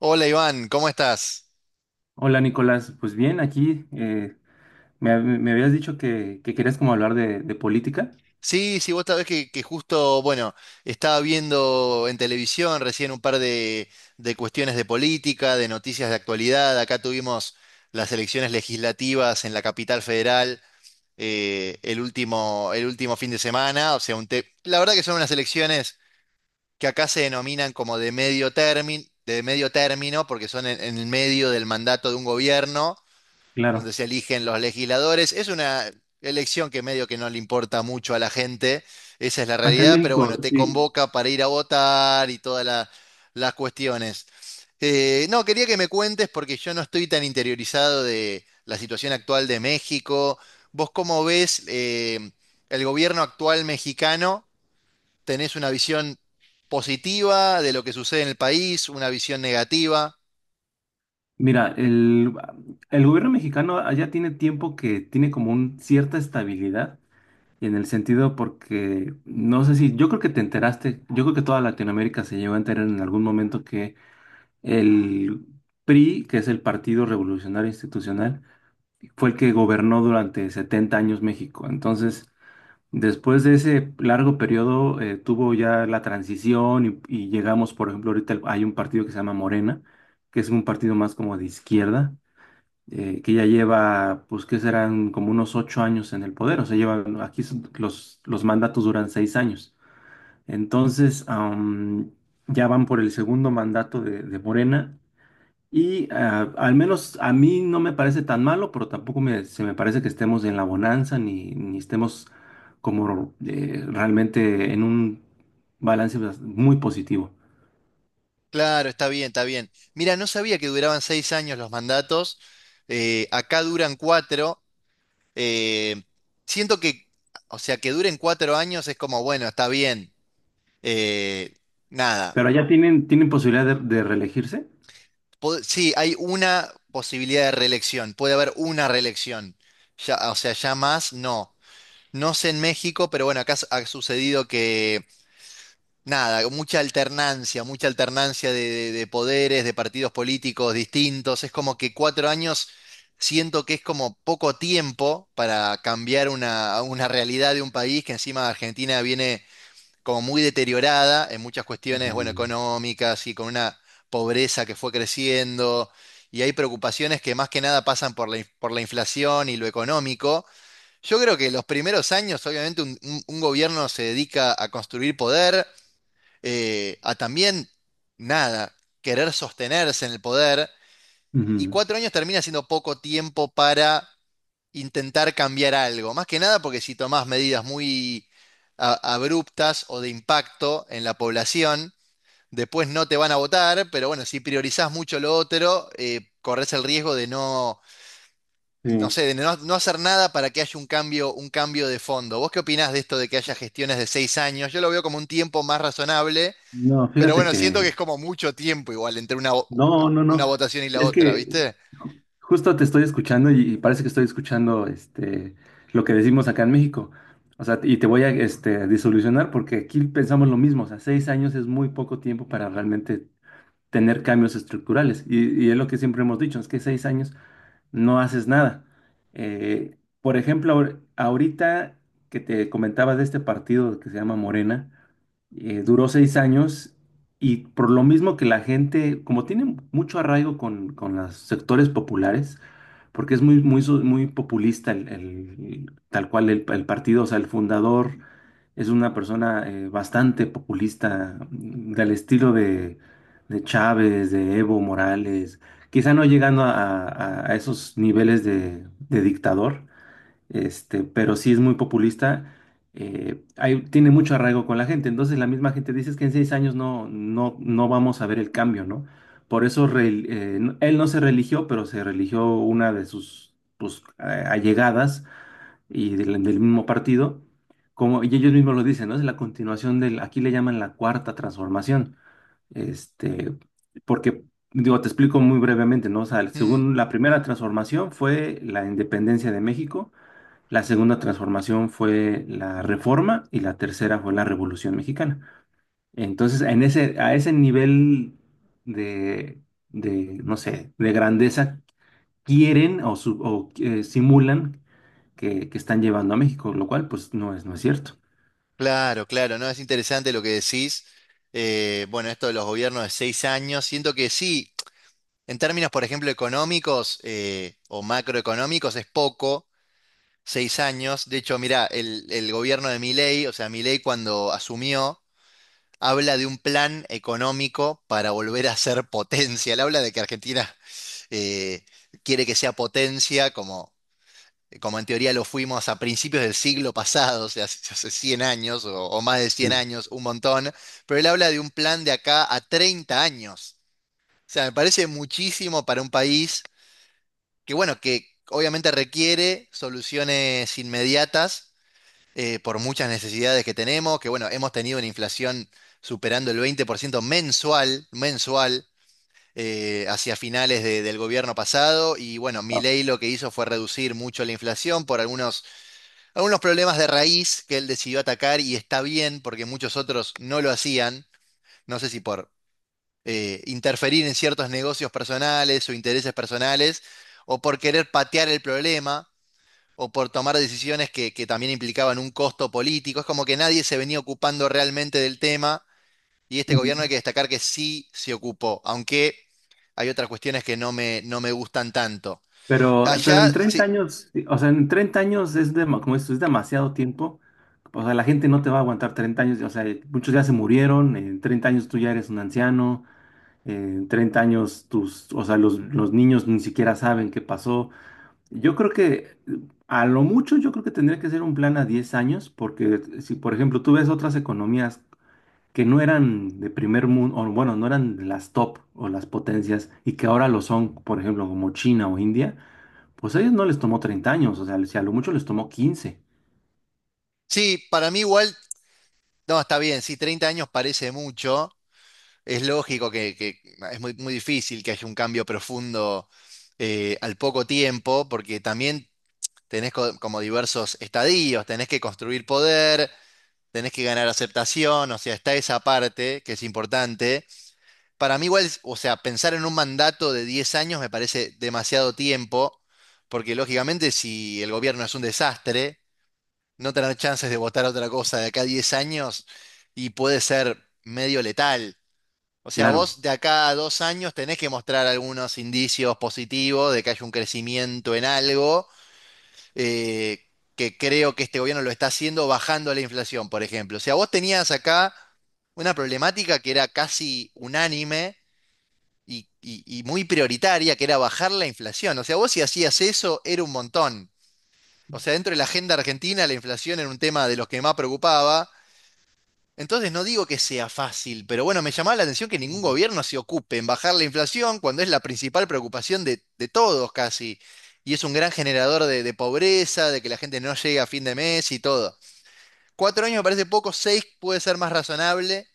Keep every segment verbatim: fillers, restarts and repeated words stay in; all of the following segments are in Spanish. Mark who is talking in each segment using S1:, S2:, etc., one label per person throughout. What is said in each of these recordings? S1: Hola Iván, ¿cómo estás?
S2: Hola Nicolás, pues bien, aquí eh, me, me habías dicho que, que querías como hablar de, de política.
S1: Sí, sí, vos sabés que, que justo, bueno, estaba viendo en televisión recién un par de, de cuestiones de política, de noticias de actualidad. Acá tuvimos las elecciones legislativas en la capital federal, eh, el último, el último fin de semana. O sea, un te- la verdad que son unas elecciones que acá se denominan como de medio término, de medio término, porque son en en el medio del mandato de un gobierno, donde
S2: Claro.
S1: se eligen los legisladores. Es una elección que medio que no le importa mucho a la gente, esa es la
S2: Acá en
S1: realidad, pero bueno,
S2: México,
S1: te
S2: sí.
S1: convoca para ir a votar y todas la- las cuestiones. Eh, no, quería que me cuentes porque yo no estoy tan interiorizado de la situación actual de México. ¿Vos cómo ves eh, el gobierno actual mexicano? ¿Tenés una visión positiva de lo que sucede en el país, una visión negativa?
S2: Mira, el, el gobierno mexicano allá tiene tiempo que tiene como un cierta estabilidad en el sentido porque no sé, si, yo creo que te enteraste, yo creo que toda Latinoamérica se llegó a enterar en algún momento que el P R I, que es el Partido Revolucionario Institucional, fue el que gobernó durante setenta años México. Entonces, Después de ese largo periodo, eh, tuvo ya la transición y, y llegamos, por ejemplo, ahorita el- hay un partido que se llama Morena, que es un partido más como de izquierda, eh, que ya lleva, pues, que serán como unos ocho años en el poder. O sea, llevan, aquí son- los, los mandatos duran seis años. Entonces, am, ya van por el segundo mandato de, de Morena, y ah, al menos a mí no me parece tan malo, pero tampoco me- se me parece que estemos en la bonanza, ni, ni estemos como, eh, realmente en un balance bas- muy positivo.
S1: Claro, está bien, está bien. Mira, no sabía que duraban seis años los mandatos. Eh, acá duran cuatro. eh, Siento que, o sea, que duren cuatro años es como, bueno, está bien. eh, Nada.
S2: Pero allá tienen, tienen posibilidad de, de reelegirse.
S1: Po- sí, hay una posibilidad de reelección. Puede haber una reelección. Ya, o sea, ya más, no. No sé en México, pero bueno, acá s- ha sucedido, nada, mucha alternancia, mucha alternancia de, de- de poderes, de partidos políticos distintos. Es como que cuatro años siento que es como poco tiempo para cambiar una, una realidad de un país que encima Argentina viene como muy deteriorada en muchas cuestiones, bueno,
S2: Ujú.
S1: económicas y con una pobreza que fue creciendo. Y hay preocupaciones que más que nada pasan por la, in- por la inflación y lo económico. Yo creo que los primeros años, obviamente, un un- un gobierno se dedica a construir poder, eh, a también, nada, querer sostenerse en el poder. Y
S2: Ujú.
S1: cuatro años termina siendo poco tiempo para intentar cambiar algo. Más que nada porque si tomás medidas muy a- abruptas o de impacto en la población, después no te van a votar, pero bueno, si priorizás mucho lo otro, eh, corres el riesgo de no, no
S2: Sí.
S1: sé, de no, no hacer nada para que haya un cambio, un cambio de fondo. ¿Vos qué opinás de esto de que haya gestiones de seis años? Yo lo veo como un tiempo más razonable,
S2: No,
S1: pero
S2: fíjate
S1: bueno, siento que
S2: que.
S1: es como mucho tiempo igual entre una, vo-
S2: No, no,
S1: una
S2: no.
S1: votación y la
S2: Es
S1: otra,
S2: que
S1: ¿viste?
S2: ju- justo te estoy escuchando, y, y parece que estoy escuchando, este lo que decimos acá en México. O sea, y te voy a, este, disolucionar porque aquí pensamos lo mismo. O sea, seis años es muy poco tiempo para realmente tener cambios estructurales. Y, y es lo que siempre hemos dicho, es que seis años no haces nada. Eh, por ejemplo, ahor- ahorita que te comentaba de este partido que se llama Morena, eh, duró seis años, y por lo mismo que la gente, como tiene mucho arraigo con, con los sectores populares, porque es muy, muy, so- muy populista el, el- tal cual el, el partido. O sea, el fundador es una persona, eh, bastante populista, mm, del estilo de, de Chávez, de Evo Morales, quizá no llegando a, a- a esos niveles de de dictador, este, pero sí es muy populista. Eh, hay- tiene mucho arraigo con la gente. Entonces la misma gente dice: "Es que en seis años no, no, no vamos a ver el cambio, ¿no?". Por eso, re- eh, no- él no se religió, pero se religió una de sus, pues, a- allegadas y del, del mismo partido. Como, y ellos mismos lo dicen, ¿no? Es la continuación del, aquí le llaman, la cuarta transformación. Este, porque, digo, te explico muy brevemente, ¿no? O sea,
S1: Mm,
S2: según, la primera transformación fue la independencia de México, la segunda transformación fue la Reforma, y la tercera fue la Revolución Mexicana. Entonces, en ese, a ese nivel de, de, no sé, de grandeza quieren, o, su- o, eh, simulan que, que están llevando a México, lo cual pues, no es, no es cierto.
S1: claro, claro, ¿no? Es interesante lo que decís. Eh, bueno, esto de los gobiernos de seis años, siento que sí, en términos, por ejemplo, económicos, eh, o macroeconómicos, es poco, seis años. De hecho, mirá, el, el gobierno de Milei, o sea, Milei cuando asumió, habla de un plan económico para volver a ser potencia. Él habla de que Argentina... eh, quiere que sea potencia, como eh, como en teoría lo fuimos a principios del siglo pasado, o sea, hace hace cien años o, o más de cien
S2: Sí.
S1: años, un montón, pero él habla de un plan de acá a treinta años. O sea, me parece muchísimo para un país que, bueno, que obviamente requiere soluciones inmediatas, eh, por muchas necesidades que tenemos, que, bueno, hemos tenido una inflación superando el veinte por ciento mensual, mensual. Eh, hacia finales de- del gobierno pasado y bueno,
S2: Ah,
S1: Milei lo que hizo fue reducir mucho la inflación por algunos, algunos problemas de raíz que él decidió atacar, y está bien porque muchos otros no lo hacían, no sé si por eh, interferir en ciertos negocios personales o intereses personales, o por querer patear el problema, o por tomar decisiones que, que también implicaban un costo político. Es como que nadie se venía ocupando realmente del tema y este
S2: ujú.
S1: gobierno hay que destacar que sí se ocupó, aunque hay otras cuestiones que no me, no me gustan tanto.
S2: Pero, pero en
S1: Allá,
S2: treinta
S1: sí,
S2: años, sí. O sea, en treinta años es, dema- como esto, es demasiado tiempo. O sea, la gente no te va a aguantar treinta años. O sea, muchos ya se murieron. En treinta años tú ya eres un anciano. En treinta años, tus, o sea, los, los niños ni siquiera saben qué pasó. Yo creo que, eh, a lo mucho yo creo que tendría que ser un plan a diez años, porque si, por ejemplo, tú ves otras economías que no eran de primer mundo, o bueno, no eran las top o las potencias, y que ahora lo son, por ejemplo, como China o India, pues a ellos no les tomó treinta años. O sea, si a lo mucho, les tomó quince.
S1: sí, para mí igual, no, está bien, sí, treinta años parece mucho. Es lógico que, que es muy, muy difícil que haya un cambio profundo eh, al poco tiempo, porque también tenés co- como diversos estadios, tenés que construir poder, tenés que ganar aceptación, o sea, está esa parte que es importante. Para mí igual, es- o sea, pensar en un mandato de diez años me parece demasiado tiempo, porque lógicamente si el gobierno es un desastre, no tener chances de votar otra cosa de acá a diez años y puede ser medio letal. O sea,
S2: Claro.
S1: vos de acá a dos años tenés que mostrar algunos indicios positivos de que hay un crecimiento en algo, eh, que creo que este gobierno lo está haciendo bajando la inflación, por ejemplo. O sea, vos tenías acá una problemática que era casi unánime y, y- y muy prioritaria, que era bajar la inflación. O sea, vos si hacías eso, era un montón. O sea, dentro de la agenda argentina, la inflación era un tema de los que más preocupaba. Entonces no digo que sea fácil, pero bueno, me llamaba la atención que ningún
S2: Mm.
S1: gobierno se ocupe en bajar la inflación cuando es la principal preocupación de, de todos casi. Y es un gran generador de, de pobreza, de que la gente no llegue a fin de mes y todo. Cuatro años me parece poco, seis puede ser más razonable.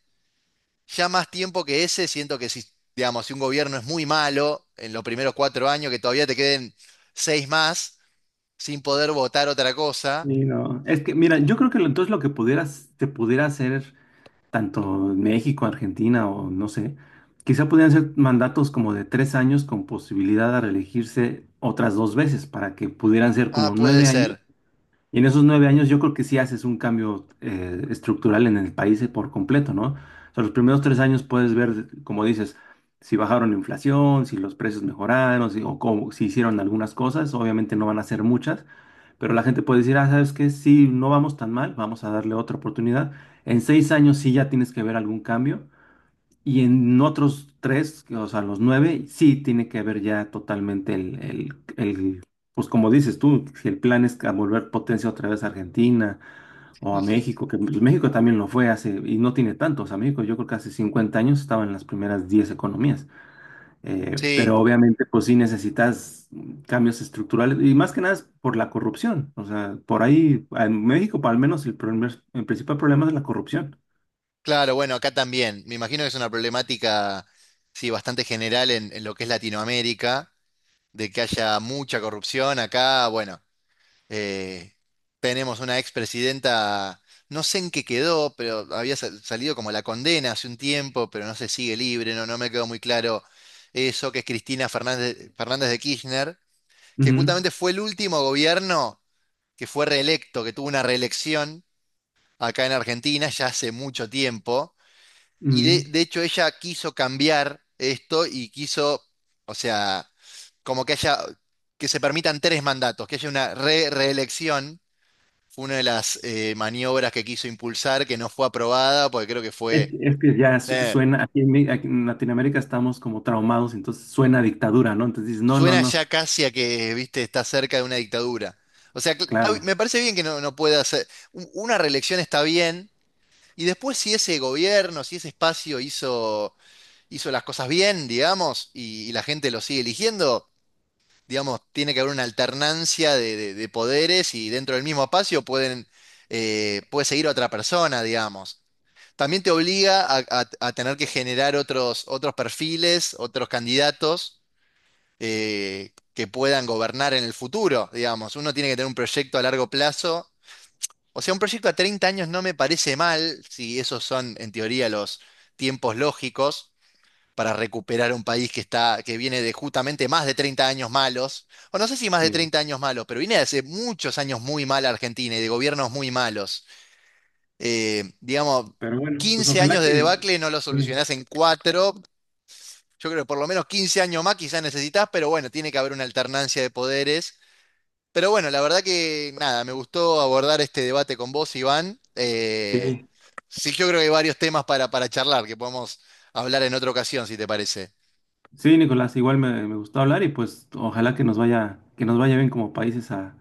S1: Ya más tiempo que ese, siento que si, digamos, si un gobierno es muy malo en los primeros cuatro años, que todavía te queden seis más sin poder votar otra cosa,
S2: Sí, no. Es que,
S1: eh,
S2: mira, yo creo que lo- entonces lo que pudieras, te pudiera hacer tanto en México, Argentina, o no sé, quizá podrían ser mandatos como de tres años, con posibilidad de reelegirse otras dos veces, para que pudieran ser
S1: ah,
S2: como
S1: puede
S2: nueve años.
S1: ser.
S2: Y en esos nueve años yo creo que sí haces un cambio, eh, estructural en el país, eh, por completo, ¿no? O sea, los primeros tres años puedes ver, como dices, si bajaron la inflación, si los precios mejoraron, si, o cómo- si hicieron algunas cosas, obviamente no van a ser muchas, pero la gente puede decir: "Ah, ¿sabes qué? Sí, no vamos tan mal, vamos a darle otra oportunidad". En seis años sí ya tienes que ver algún cambio. Y en otros tres, o sea, los nueve, sí tiene que ver ya totalmente el, el, el- pues como dices tú, si el plan es a volver potencia otra vez a Argentina o a México, que pues, México también lo fue hace, y no tiene tanto. O sea, México yo creo que hace cincuenta años estaba en las primeras diez economías. Eh,
S1: Sí.
S2: pero obviamente, pues sí necesitas, mm, cambios estructurales, y más que nada es por la corrupción. O sea, por ahí, en México, al menos, el, primer- el principal problema es la corrupción.
S1: Claro, bueno, acá también. Me imagino que es una problemática, sí, bastante general en, en lo que es Latinoamérica, de que haya mucha corrupción. Acá, bueno, eh, tenemos una expresidenta, no sé en qué quedó, pero había sal- salido como la condena hace un tiempo, pero no se sigue libre, no, no me quedó muy claro eso, que es Cristina Fernández, Fernández de Kirchner, que
S2: Ujú,
S1: justamente fue el último gobierno que fue reelecto, que tuvo una reelección acá en Argentina ya hace mucho tiempo. Y de,
S2: ujú.
S1: de hecho ella quiso cambiar esto y quiso, o sea, como que haya, que se permitan tres mandatos, que haya una re- reelección, fue una de las eh, maniobras que quiso impulsar, que no fue aprobada, porque creo que
S2: Es,
S1: fue,
S2: que es que ya su-
S1: eh,
S2: suena, aquí en, Mi- aquí en Latinoamérica estamos como traumados, entonces suena a dictadura, ¿no? Entonces dices: "No, no,
S1: suena
S2: no,
S1: ya casi a que, viste, está cerca de una dictadura. O sea, cl- está bi-
S2: claro,
S1: me parece bien que no, no pueda hacer, u- una reelección está bien, y después si ese gobierno, si ese espacio hizo, hizo las cosas bien, digamos, y y la gente lo sigue eligiendo, digamos, tiene que haber una alternancia de, de- de poderes, y dentro del mismo espacio pueden, eh, puede seguir otra persona, digamos. También te obliga a, a- a tener que generar otros, otros perfiles, otros candidatos eh, que puedan gobernar en el futuro, digamos. Uno tiene que tener un proyecto a largo plazo. O sea, un proyecto a treinta años no me parece mal, si esos son en teoría los tiempos lógicos para recuperar un país que está, que viene de justamente más de treinta años malos, o no sé si más de
S2: sí".
S1: treinta años malos, pero viene de hace muchos años muy mal Argentina y de gobiernos muy malos. Eh, digamos,
S2: Pero bueno, pues
S1: quince
S2: ojalá
S1: años de
S2: que.
S1: debacle no lo
S2: Sí,
S1: solucionás en cuatro. Yo creo que por lo menos quince años más quizás necesitas, pero bueno, tiene que haber una alternancia de poderes. Pero bueno, la verdad que nada, me gustó abordar este debate con vos, Iván. Eh,
S2: sí,
S1: sí, yo creo que hay varios temas para, para charlar que podemos hablar en otra ocasión, si te parece.
S2: Sí, Nicolás, igual me, me gustó hablar, y pues ojalá que nos vaya, que nos vaya bien como países, a,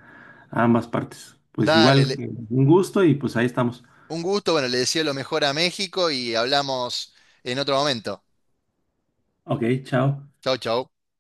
S2: a ambas partes. Pues
S1: Dale,
S2: igual,
S1: le-
S2: eh, un gusto y pues ahí estamos.
S1: un gusto, bueno, le deseo lo mejor a México y hablamos en otro momento.
S2: Ok, chao.
S1: Chau, chau.